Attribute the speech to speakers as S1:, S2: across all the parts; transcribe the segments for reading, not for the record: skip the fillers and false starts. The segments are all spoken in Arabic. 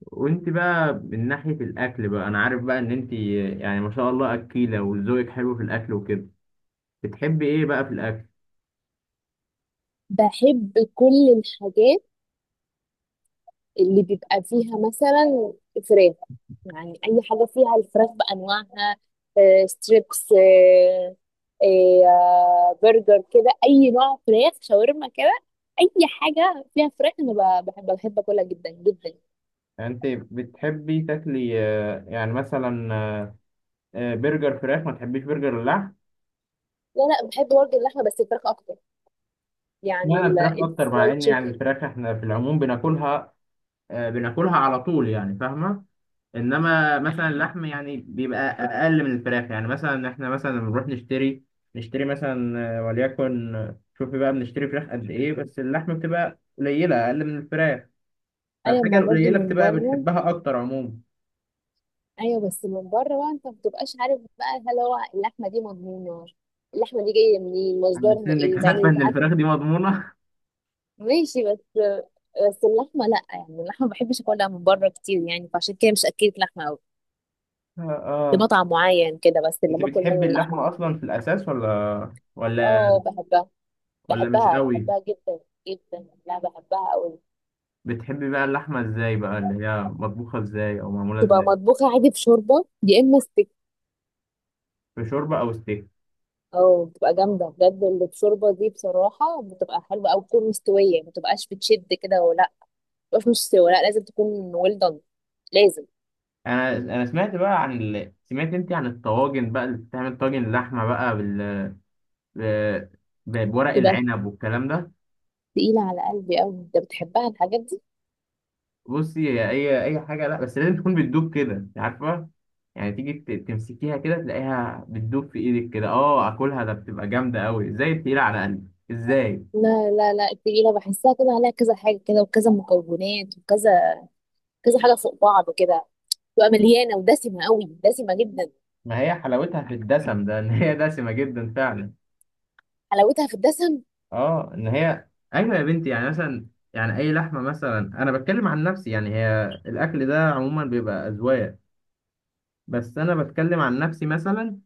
S1: وانت بقى من ناحية الأكل بقى، أنا عارف بقى إن انت يعني ما شاء الله أكيلة وذوقك حلو في الأكل وكده. بتحبي إيه بقى في الأكل؟
S2: بحب كل الحاجات اللي بيبقى فيها مثلا فراخ. يعني اي حاجه فيها الفراخ بانواعها، ستريبس، برجر كده، اي نوع فراخ، شاورما كده، اي حاجه فيها فراخ. انا بحب اكلها جدا جدا.
S1: يعني انت بتحبي تاكلي، يعني مثلا، برجر فراخ ما تحبيش برجر اللحم؟
S2: لا لا، بحب برضه اللحمه، بس الفراخ اكتر. يعني
S1: اشمعنى الفراخ أكتر مع
S2: الفرايد
S1: إن يعني
S2: تشيكن.
S1: الفراخ إحنا في العموم بناكلها، بناكلها على طول يعني، فاهمة؟ انما مثلا اللحم يعني بيبقى اقل من الفراخ، يعني مثلا احنا مثلا لما بنروح نشتري، نشتري مثلا آه، وليكن آه، شوفي بقى، بنشتري فراخ قد ايه بس اللحم بتبقى قليله اقل من الفراخ.
S2: ايوه،
S1: فالحاجه
S2: ما برضه
S1: القليله
S2: من
S1: بتبقى
S2: بره.
S1: بنحبها اكتر عموما.
S2: ايوه، بس من بره بقى انت ما بتبقاش عارف بقى هل هو اللحمه دي مضمونه؟ اللحمه دي جايه منين؟
S1: على اساس
S2: مصدرها
S1: انك
S2: ايه
S1: عارفه
S2: يعني
S1: ان
S2: ساعات.
S1: الفراخ دي مضمونه
S2: ماشي، بس اللحمه لا، يعني اللحمه ما بحبش اكلها من بره كتير، يعني فعشان كده مش اكلت لحمه قوي
S1: اه
S2: في
S1: آه.
S2: مطعم معين كده، بس اللي
S1: انت
S2: باكل منه
S1: بتحبي
S2: اللحمه
S1: اللحمه
S2: على
S1: اصلا
S2: طول.
S1: في الاساس، ولا ولا
S2: اه بحبها،
S1: ولا مش
S2: بحبها
S1: قوي؟
S2: بحبها جدا جدا. لا بحبها قوي.
S1: بتحبي بقى اللحمه ازاي بقى، اللي هي مطبوخه ازاي او معموله
S2: تبقى
S1: ازاي؟
S2: مطبوخه عادي بشوربه يا اما ستيك.
S1: في شوربه او ستيك؟
S2: اه بتبقى جامده بجد اللي بشوربه دي، بصراحه بتبقى حلوه. او تكون مستويه، ما تبقاش بتشد كده ولا مش مستوى. لا، لازم تكون well done، لازم
S1: انا سمعت بقى سمعت انت عن الطواجن بقى، اللي بتعمل طاجن لحمه بقى ب... بورق
S2: تبقى.
S1: العنب والكلام ده؟
S2: تقيلة على قلبي أوي، أنت بتحبها الحاجات دي؟
S1: بصي، هي اي حاجه، لا بس لازم تكون بتدوب كده، انت عارفه. يعني تيجي تمسكيها كده تلاقيها بتدوب في ايدك كده. اه، اكلها ده بتبقى جامده قوي ازاي؟ التقيله على قلبي ازاي؟
S2: لا لا لا، التقيلة بحسها كده عليها كذا حاجة كده، وكذا مكونات، وكذا كذا حاجة فوق بعض كده. تبقى مليانة ودسمة أوي، دسمة جدا.
S1: ما هي حلاوتها في الدسم ده، ان هي دسمه جدا فعلا.
S2: حلاوتها في الدسم؟
S1: اه ان هي، ايوه يا بنتي، يعني مثلا، يعني اي لحمه مثلا، انا بتكلم عن نفسي، يعني هي الاكل ده عموما بيبقى اذواق. بس انا بتكلم عن نفسي مثلا،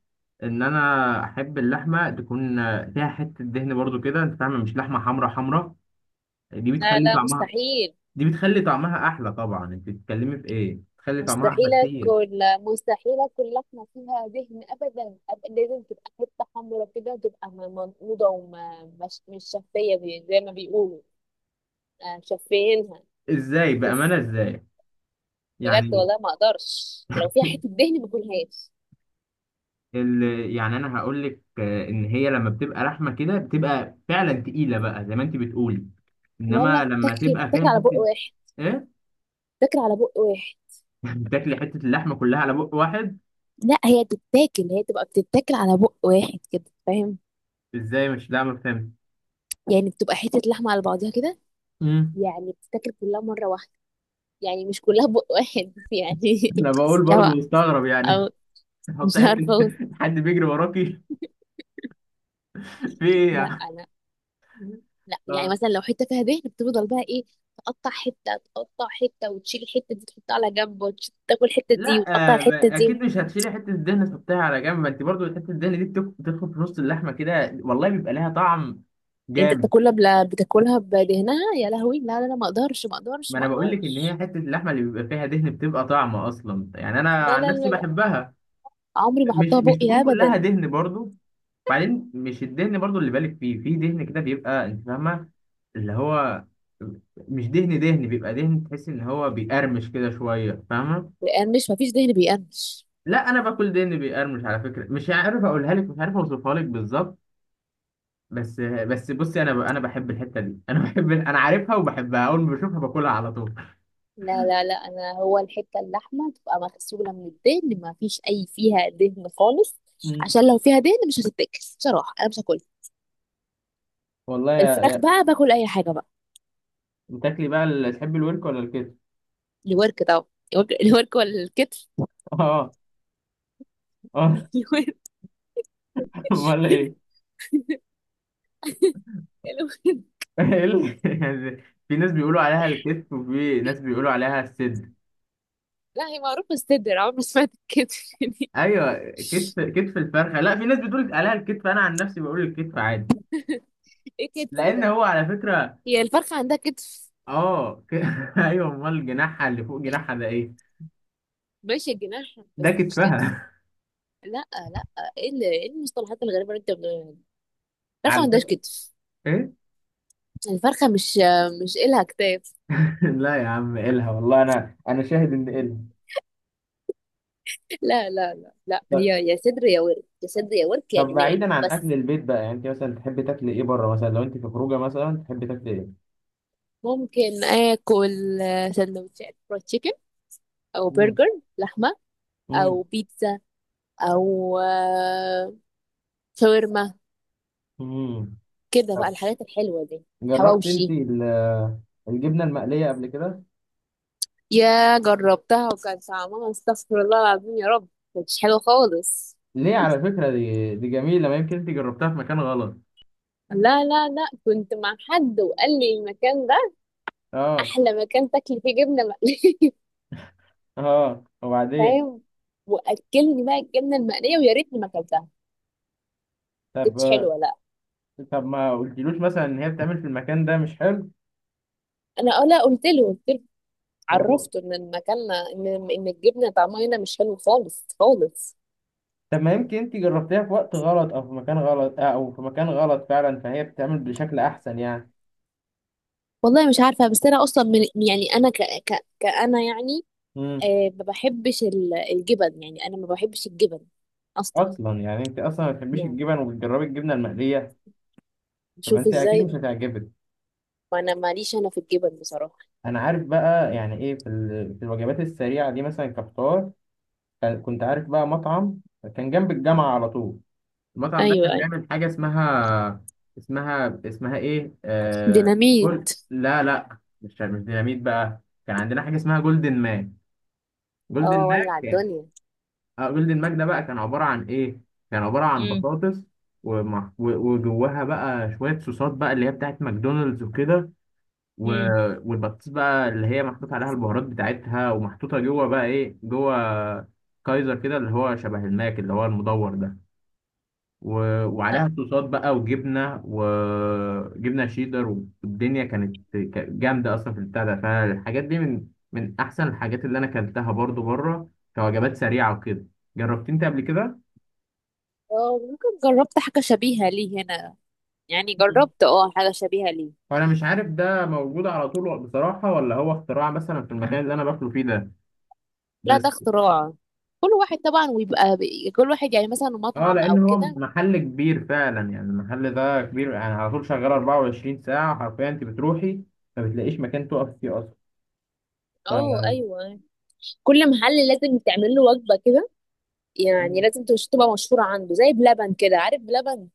S1: ان انا احب اللحمه تكون فيها حته دهن برضو كده، انت فاهم، مش لحمه حمرا حمرا. دي
S2: لا
S1: بتخلي
S2: لا،
S1: طعمها
S2: مستحيل.
S1: دي بتخلي طعمها احلى طبعا، انت بتتكلمي في ايه؟ بتخلي طعمها احلى
S2: مستحيل
S1: كتير.
S2: أكل، مستحيل أكل لحمة فيها دهن أبدا. أبقى لازم تبقى حتة حمرا كده، وتبقى منقوضة، ومش مش مش شفية، زي ما بيقولوا آه، شفينها.
S1: ازاي بامانه؟ ازاي؟
S2: بجد
S1: يعني
S2: والله ما اقدرش، لو فيها حته دهن ما اكلهاش.
S1: ال... يعني انا هقول لك ان هي لما بتبقى لحمه كده بتبقى فعلا تقيله بقى زي ما انت بتقولي،
S2: لا لا،
S1: انما لما
S2: بتاكل
S1: تبقى فيها
S2: بتاكل على بق
S1: حته.
S2: واحد.
S1: ايه؟
S2: بتاكل على بق واحد.
S1: بتاكلي حته اللحمه كلها على بق واحد؟
S2: لا هي بتتاكل، هي تبقى بتتاكل على بق واحد كده فاهم؟
S1: ازاي؟ مش، لا ما فهمت.
S2: يعني بتبقى حته لحمه على بعضها كده، يعني بتتاكل كلها مره واحده، يعني مش كلها بق واحد يعني.
S1: انا بقول برضو
S2: لا،
S1: مستغرب يعني.
S2: او مش
S1: حط
S2: عارفه
S1: حته.
S2: أوصف.
S1: حد بيجري وراكي؟ في ايه
S2: لا
S1: يعني؟
S2: لا لا، يعني
S1: اه
S2: مثلا لو حته فيها دهن بتفضل بقى ايه؟ تقطع حته وتشيل الحته دي تحطها على جنب، وتاكل الحته دي
S1: لا،
S2: وتقطع الحته
S1: اكيد
S2: دي.
S1: مش هتشيلي حته الدهن تحطيها على جنب، ما انت برضو حته الدهن دي بتدخل في نص اللحمه كده، والله بيبقى لها طعم
S2: يعني انت
S1: جامد.
S2: بتاكلها بدهنها؟ يا لهوي، لا لا لا، ما اقدرش ما اقدرش
S1: ما
S2: ما
S1: انا بقول لك ان هي
S2: اقدرش.
S1: حته اللحمه اللي بيبقى فيها دهن بتبقى طعمه اصلا، يعني انا
S2: لا
S1: عن
S2: لا
S1: نفسي
S2: لا لا،
S1: بحبها.
S2: عمري ما
S1: مش
S2: احطها
S1: مش
S2: بقي
S1: تكون كلها
S2: ابدا.
S1: دهن برضو. بعدين مش الدهن برضو اللي بالك فيه، في دهن كده بيبقى، انت فاهمه؟ اللي هو مش دهن دهن، بيبقى دهن تحس ان هو بيقرمش كده شويه، فاهمه؟
S2: بيقرمش؟ ما فيش دهن بيقرمش.
S1: لا، انا باكل دهن بيقرمش على فكره، مش عارف اقولها لك، مش عارف اوصفها لك بالظبط. بس بصي، انا انا بحب الحته دي انا، بحب، انا عارفها وبحبها، اول ما بشوفها باكلها على طول.
S2: لا لا لا، انا هو الحته اللحمه تبقى مغسوله من الدهن، ما فيش اي فيها دهن خالص.
S1: مم.
S2: عشان لو فيها دهن مش هتتاكل، بصراحه انا مش هاكلها.
S1: والله يا
S2: الفراخ
S1: يا
S2: بقى باكل اي حاجه بقى.
S1: بتاكلي بقى تحبي الورك ولا الكتف؟
S2: الورك طبعا. الورك، الورك ولا الكتف؟
S1: اه، اه.
S2: الورك،
S1: امال ايه؟
S2: الورك.
S1: إيه يعني؟ في ناس بيقولوا عليها الكتف، وفي ناس بيقولوا عليها الصدر.
S2: لا هي معروفه الصدر، عمري ما سمعت الكتف
S1: ايوه، كتف الفرخه. لا، في ناس بتقول عليها الكتف، انا عن نفسي بقول الكتف عادي.
S2: ايه كتف
S1: لان
S2: ده؟
S1: هو على فكره،
S2: هي الفرخة عندها كتف؟
S1: اه ايوه، امال جناحها اللي فوق جناحها ده ايه؟
S2: ماشي جناح
S1: ده
S2: بس مش كتف.
S1: كتفها.
S2: لا لا، إيه المصطلحات الغريبة اللي انت بتقولها دي؟ الفرخة ما
S1: على
S2: عندهاش
S1: فكره.
S2: كتف.
S1: ايه؟
S2: الفرخة مش إلها كتاف.
S1: لا يا عم إلها، والله انا شاهد ان إلها.
S2: لا لا لا لا، هي
S1: ط-
S2: يا صدر يا ورك، يا صدر يا ورك يا
S1: طب
S2: جناح.
S1: بعيدا عن اكل
S2: بس.
S1: البيت بقى، يعني انت مثلا تحب تاكل ايه بره؟ مثلا لو انت في خروجه مثلا تحب تاكل ايه؟
S2: ممكن آكل سندوتشات فرايد تشيكن، أو
S1: مم.
S2: برجر لحمة، أو
S1: مم.
S2: بيتزا، أو شاورما،
S1: مم.
S2: كده بقى
S1: طب
S2: الحاجات الحلوة دي.
S1: جربت انت
S2: حواوشي.
S1: الجبنه المقليه قبل كده؟
S2: يا جربتها وكان طعمها استغفر الله العظيم يا رب، كانتش حلوة خالص.
S1: ليه؟ على فكره دي جميله، ما يمكن انت جربتها في مكان غلط.
S2: لا لا لا، كنت مع حد وقال لي المكان ده
S1: اه،
S2: احلى مكان تاكلي فيه جبنة مقلية
S1: اه، وبعدين؟
S2: فاهم. واكلني بقى الجبنة المقلية ويا ريتني ما اكلتها، كانتش
S1: طب،
S2: حلوة لا.
S1: ما قلتلوش مثلا ان هي بتعمل في المكان ده مش حلو؟
S2: انا اه لا، قلت له
S1: فهو-
S2: عرفته ان المكان، ان الجبنة طعمها هنا مش حلو خالص خالص.
S1: طب ما يمكن انت جربتيها في وقت غلط، او في مكان غلط فعلا، فهي بتعمل بشكل احسن يعني.
S2: والله مش عارفة، بس انا اصلا من، يعني انا ك ك كأنا يعني،
S1: امم.
S2: آه ما بحبش الجبن، يعني انا ما بحبش الجبن اصلا.
S1: اصلا يعني انت اصلا ما بتحبيش
S2: يعني
S1: الجبن وبتجربي الجبنه المقليه؟ طب
S2: شوف
S1: انت اكيد مش
S2: ازاي،
S1: هتعجبك.
S2: ما انا ماليش انا في الجبن بصراحة.
S1: انا عارف بقى يعني ايه في في الوجبات السريعه دي، مثلا كفطار، كنت عارف بقى مطعم كان جنب
S2: مم.
S1: الجامعه على طول. المطعم ده
S2: ايوه
S1: كان
S2: ايوه،
S1: بيعمل حاجة اسمها، اسمها ايه، جول...
S2: ديناميت.
S1: لا لا، مش ديناميت بقى. كان عندنا حاجة اسمها جولدن ماك.
S2: اه
S1: جولدن ماك
S2: ولع
S1: كان،
S2: الدنيا.
S1: اه، جولدن ماك ده بقى كان عبارة عن ايه؟ كان عبارة عن
S2: امم.
S1: بطاطس، وجواها بقى شوية صوصات بقى، اللي هي بتاعت ماكدونالدز وكده، و...
S2: امم.
S1: والبطاطس بقى اللي هي محطوط عليها البهارات بتاعتها ومحطوطة جوه، بقى ايه جوه، كايزر كده، اللي هو شبه الماك اللي هو المدور ده. وعليها صوصات بقى، وجبنه، شيدر. والدنيا كانت جامده اصلا في البتاع ده. فالحاجات دي من احسن الحاجات اللي انا اكلتها برضو بره كوجبات سريعه وكده. جربت انت قبل كده؟
S2: اه ممكن. جربت حاجة شبيهة ليه هنا، يعني
S1: مم.
S2: جربت اه حاجة شبيهة ليه.
S1: وانا مش عارف ده موجود على طول بصراحه، ولا هو اختراع مثلا في المكان اللي انا باكله فيه ده.
S2: لا ده
S1: بس،
S2: اختراع، كل واحد طبعا ويبقى كل واحد يعني مثلا
S1: اه،
S2: مطعم
S1: لان
S2: او
S1: هو
S2: كده.
S1: محل كبير فعلا، يعني المحل ده كبير يعني، على طول شغال 24 ساعه حرفيا، انت بتروحي ما بتلاقيش مكان تقف فيه اصلا.
S2: اه ايوه، كل محل لازم تعمل له وجبة كده،
S1: ف...
S2: يعني لازم تبقى مشهورة عنده، زي بلبن كده، عارف بلبن؟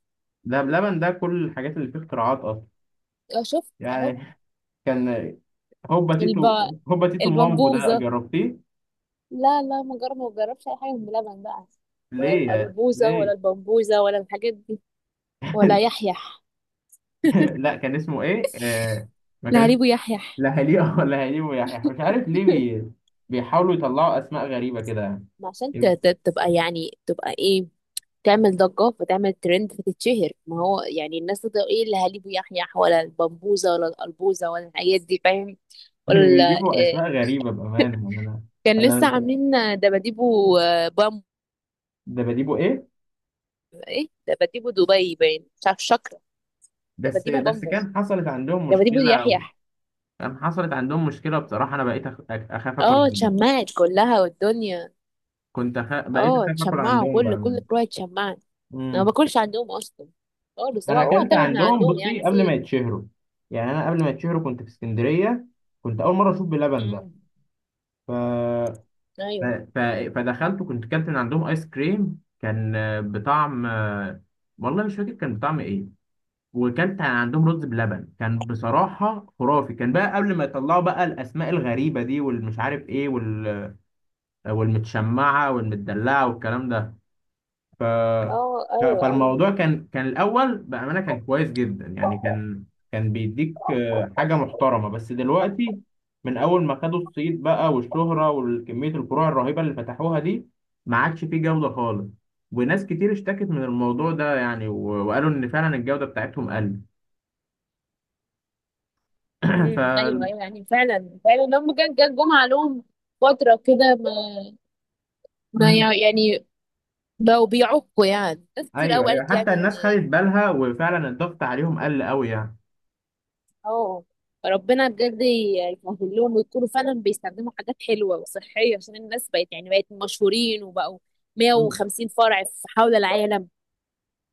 S1: ده بلبن، ده كل الحاجات اللي فيه اختراعات اصلا.
S2: اه شفت اهو.
S1: يعني كان هوبا تيتو
S2: الب...
S1: هوبا تيتو مامبو ده،
S2: البمبوزة.
S1: جربتيه؟
S2: لا لا، ما جربش اي حاجه بلبن بقى، ولا
S1: ليه
S2: الاربوزه ولا
S1: ليه؟
S2: البمبوزه ولا الحاجات دي، ولا يحيح.
S1: لا كان اسمه ايه؟ ما
S2: لا
S1: كانش.
S2: هريبو يحيح
S1: لا هليه ولا هليه، ويحيى، مش عارف ليه بيحاولوا يطلعوا اسماء غريبة كده يعني.
S2: ما عشان تبقى يعني تبقى ايه، تعمل ضجه فتعمل ترند فتتشهر. ما هو يعني الناس تبقى ايه اللي هليبو يحيح، ولا البمبوزه ولا الاربوزه ولا الحاجات دي فاهم؟ ولا
S1: بيجيبوا
S2: إيه.
S1: اسماء غريبة بأمانة، يعني انا
S2: كان
S1: انا
S2: لسه
S1: مش،
S2: عاملين دباديبو بامبو.
S1: ده بجيبه ايه؟
S2: ايه دباديبو دبي باين مش عارف، شكرا.
S1: بس
S2: دباديبو
S1: بس
S2: بامبو، دباديبو يحيح.
S1: كان حصلت عندهم مشكلة بصراحة. انا بقيت اخاف اكل
S2: اه
S1: عندهم،
S2: اتشمعت كلها والدنيا.
S1: كنت بقيت
S2: اه
S1: اخاف اكل
S2: اتشمعوا،
S1: عندهم
S2: كل
S1: بأمانة.
S2: فروع اتشمعت. انا ما باكلش عندهم اصلا خالص، هو
S1: انا
S2: اوعى
S1: اكلت
S2: تاكل من
S1: عندهم
S2: عندهم،
S1: بصي
S2: يعني في
S1: قبل ما
S2: إيه؟
S1: يتشهروا، يعني انا قبل ما يتشهروا كنت في اسكندريه، كنت اول مره اشوف بلبن ده.
S2: امم.
S1: ف... ف...
S2: ايوه.
S1: ف... فدخلت وكنت كلت من عندهم ايس كريم، كان بطعم، والله مش فاكر كان بطعم ايه. وكلت عندهم رز بلبن كان بصراحه خرافي، كان بقى قبل ما يطلعوا بقى الاسماء الغريبه دي والمش عارف ايه والمتشمعه والمدلعه والكلام ده. ف...
S2: اه ايوه ايوه.
S1: فالموضوع كان، الاول بامانه كان كويس جدا يعني كان، بيديك حاجه محترمه. بس دلوقتي، من اول ما خدوا الصيت بقى والشهره وكميه الفروع الرهيبه اللي فتحوها دي، ما عادش فيه جوده خالص. وناس كتير اشتكت من الموضوع ده يعني، وقالوا ان فعلا الجوده بتاعتهم قلت. ف.
S2: امم. ايوه ايوه، يعني فعلا فعلا هم كان جم عليهم فتره كده، ما
S1: مم.
S2: يعني بقوا بيعكوا، يعني ناس كتير
S1: ايوه،
S2: قوي
S1: ايوه
S2: قالت
S1: حتى
S2: يعني ان،
S1: الناس خدت بالها وفعلا الضغط عليهم قل قوي يعني.
S2: اه ربنا بجد يسهل لهم ويكونوا فعلا بيستخدموا حاجات حلوه وصحيه، عشان الناس بقت يعني بقت مشهورين وبقوا 150 فرع في حول العالم.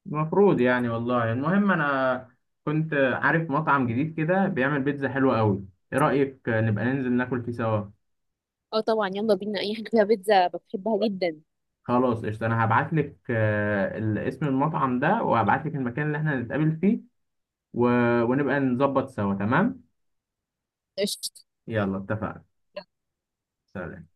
S1: المفروض يعني، والله، المهم انا كنت عارف مطعم جديد كده بيعمل بيتزا حلوة قوي، ايه رأيك نبقى ننزل ناكل فيه سوا؟
S2: اه طبعا يلا بينا، اي حاجه فيها بيتزا بحبها جدا.
S1: خلاص قشطة، انا هبعت لك اسم المطعم ده وهبعت لك المكان اللي احنا هنتقابل فيه، و... ونبقى نظبط سوا تمام.
S2: قشطه.
S1: يلا اتفقنا. سلام.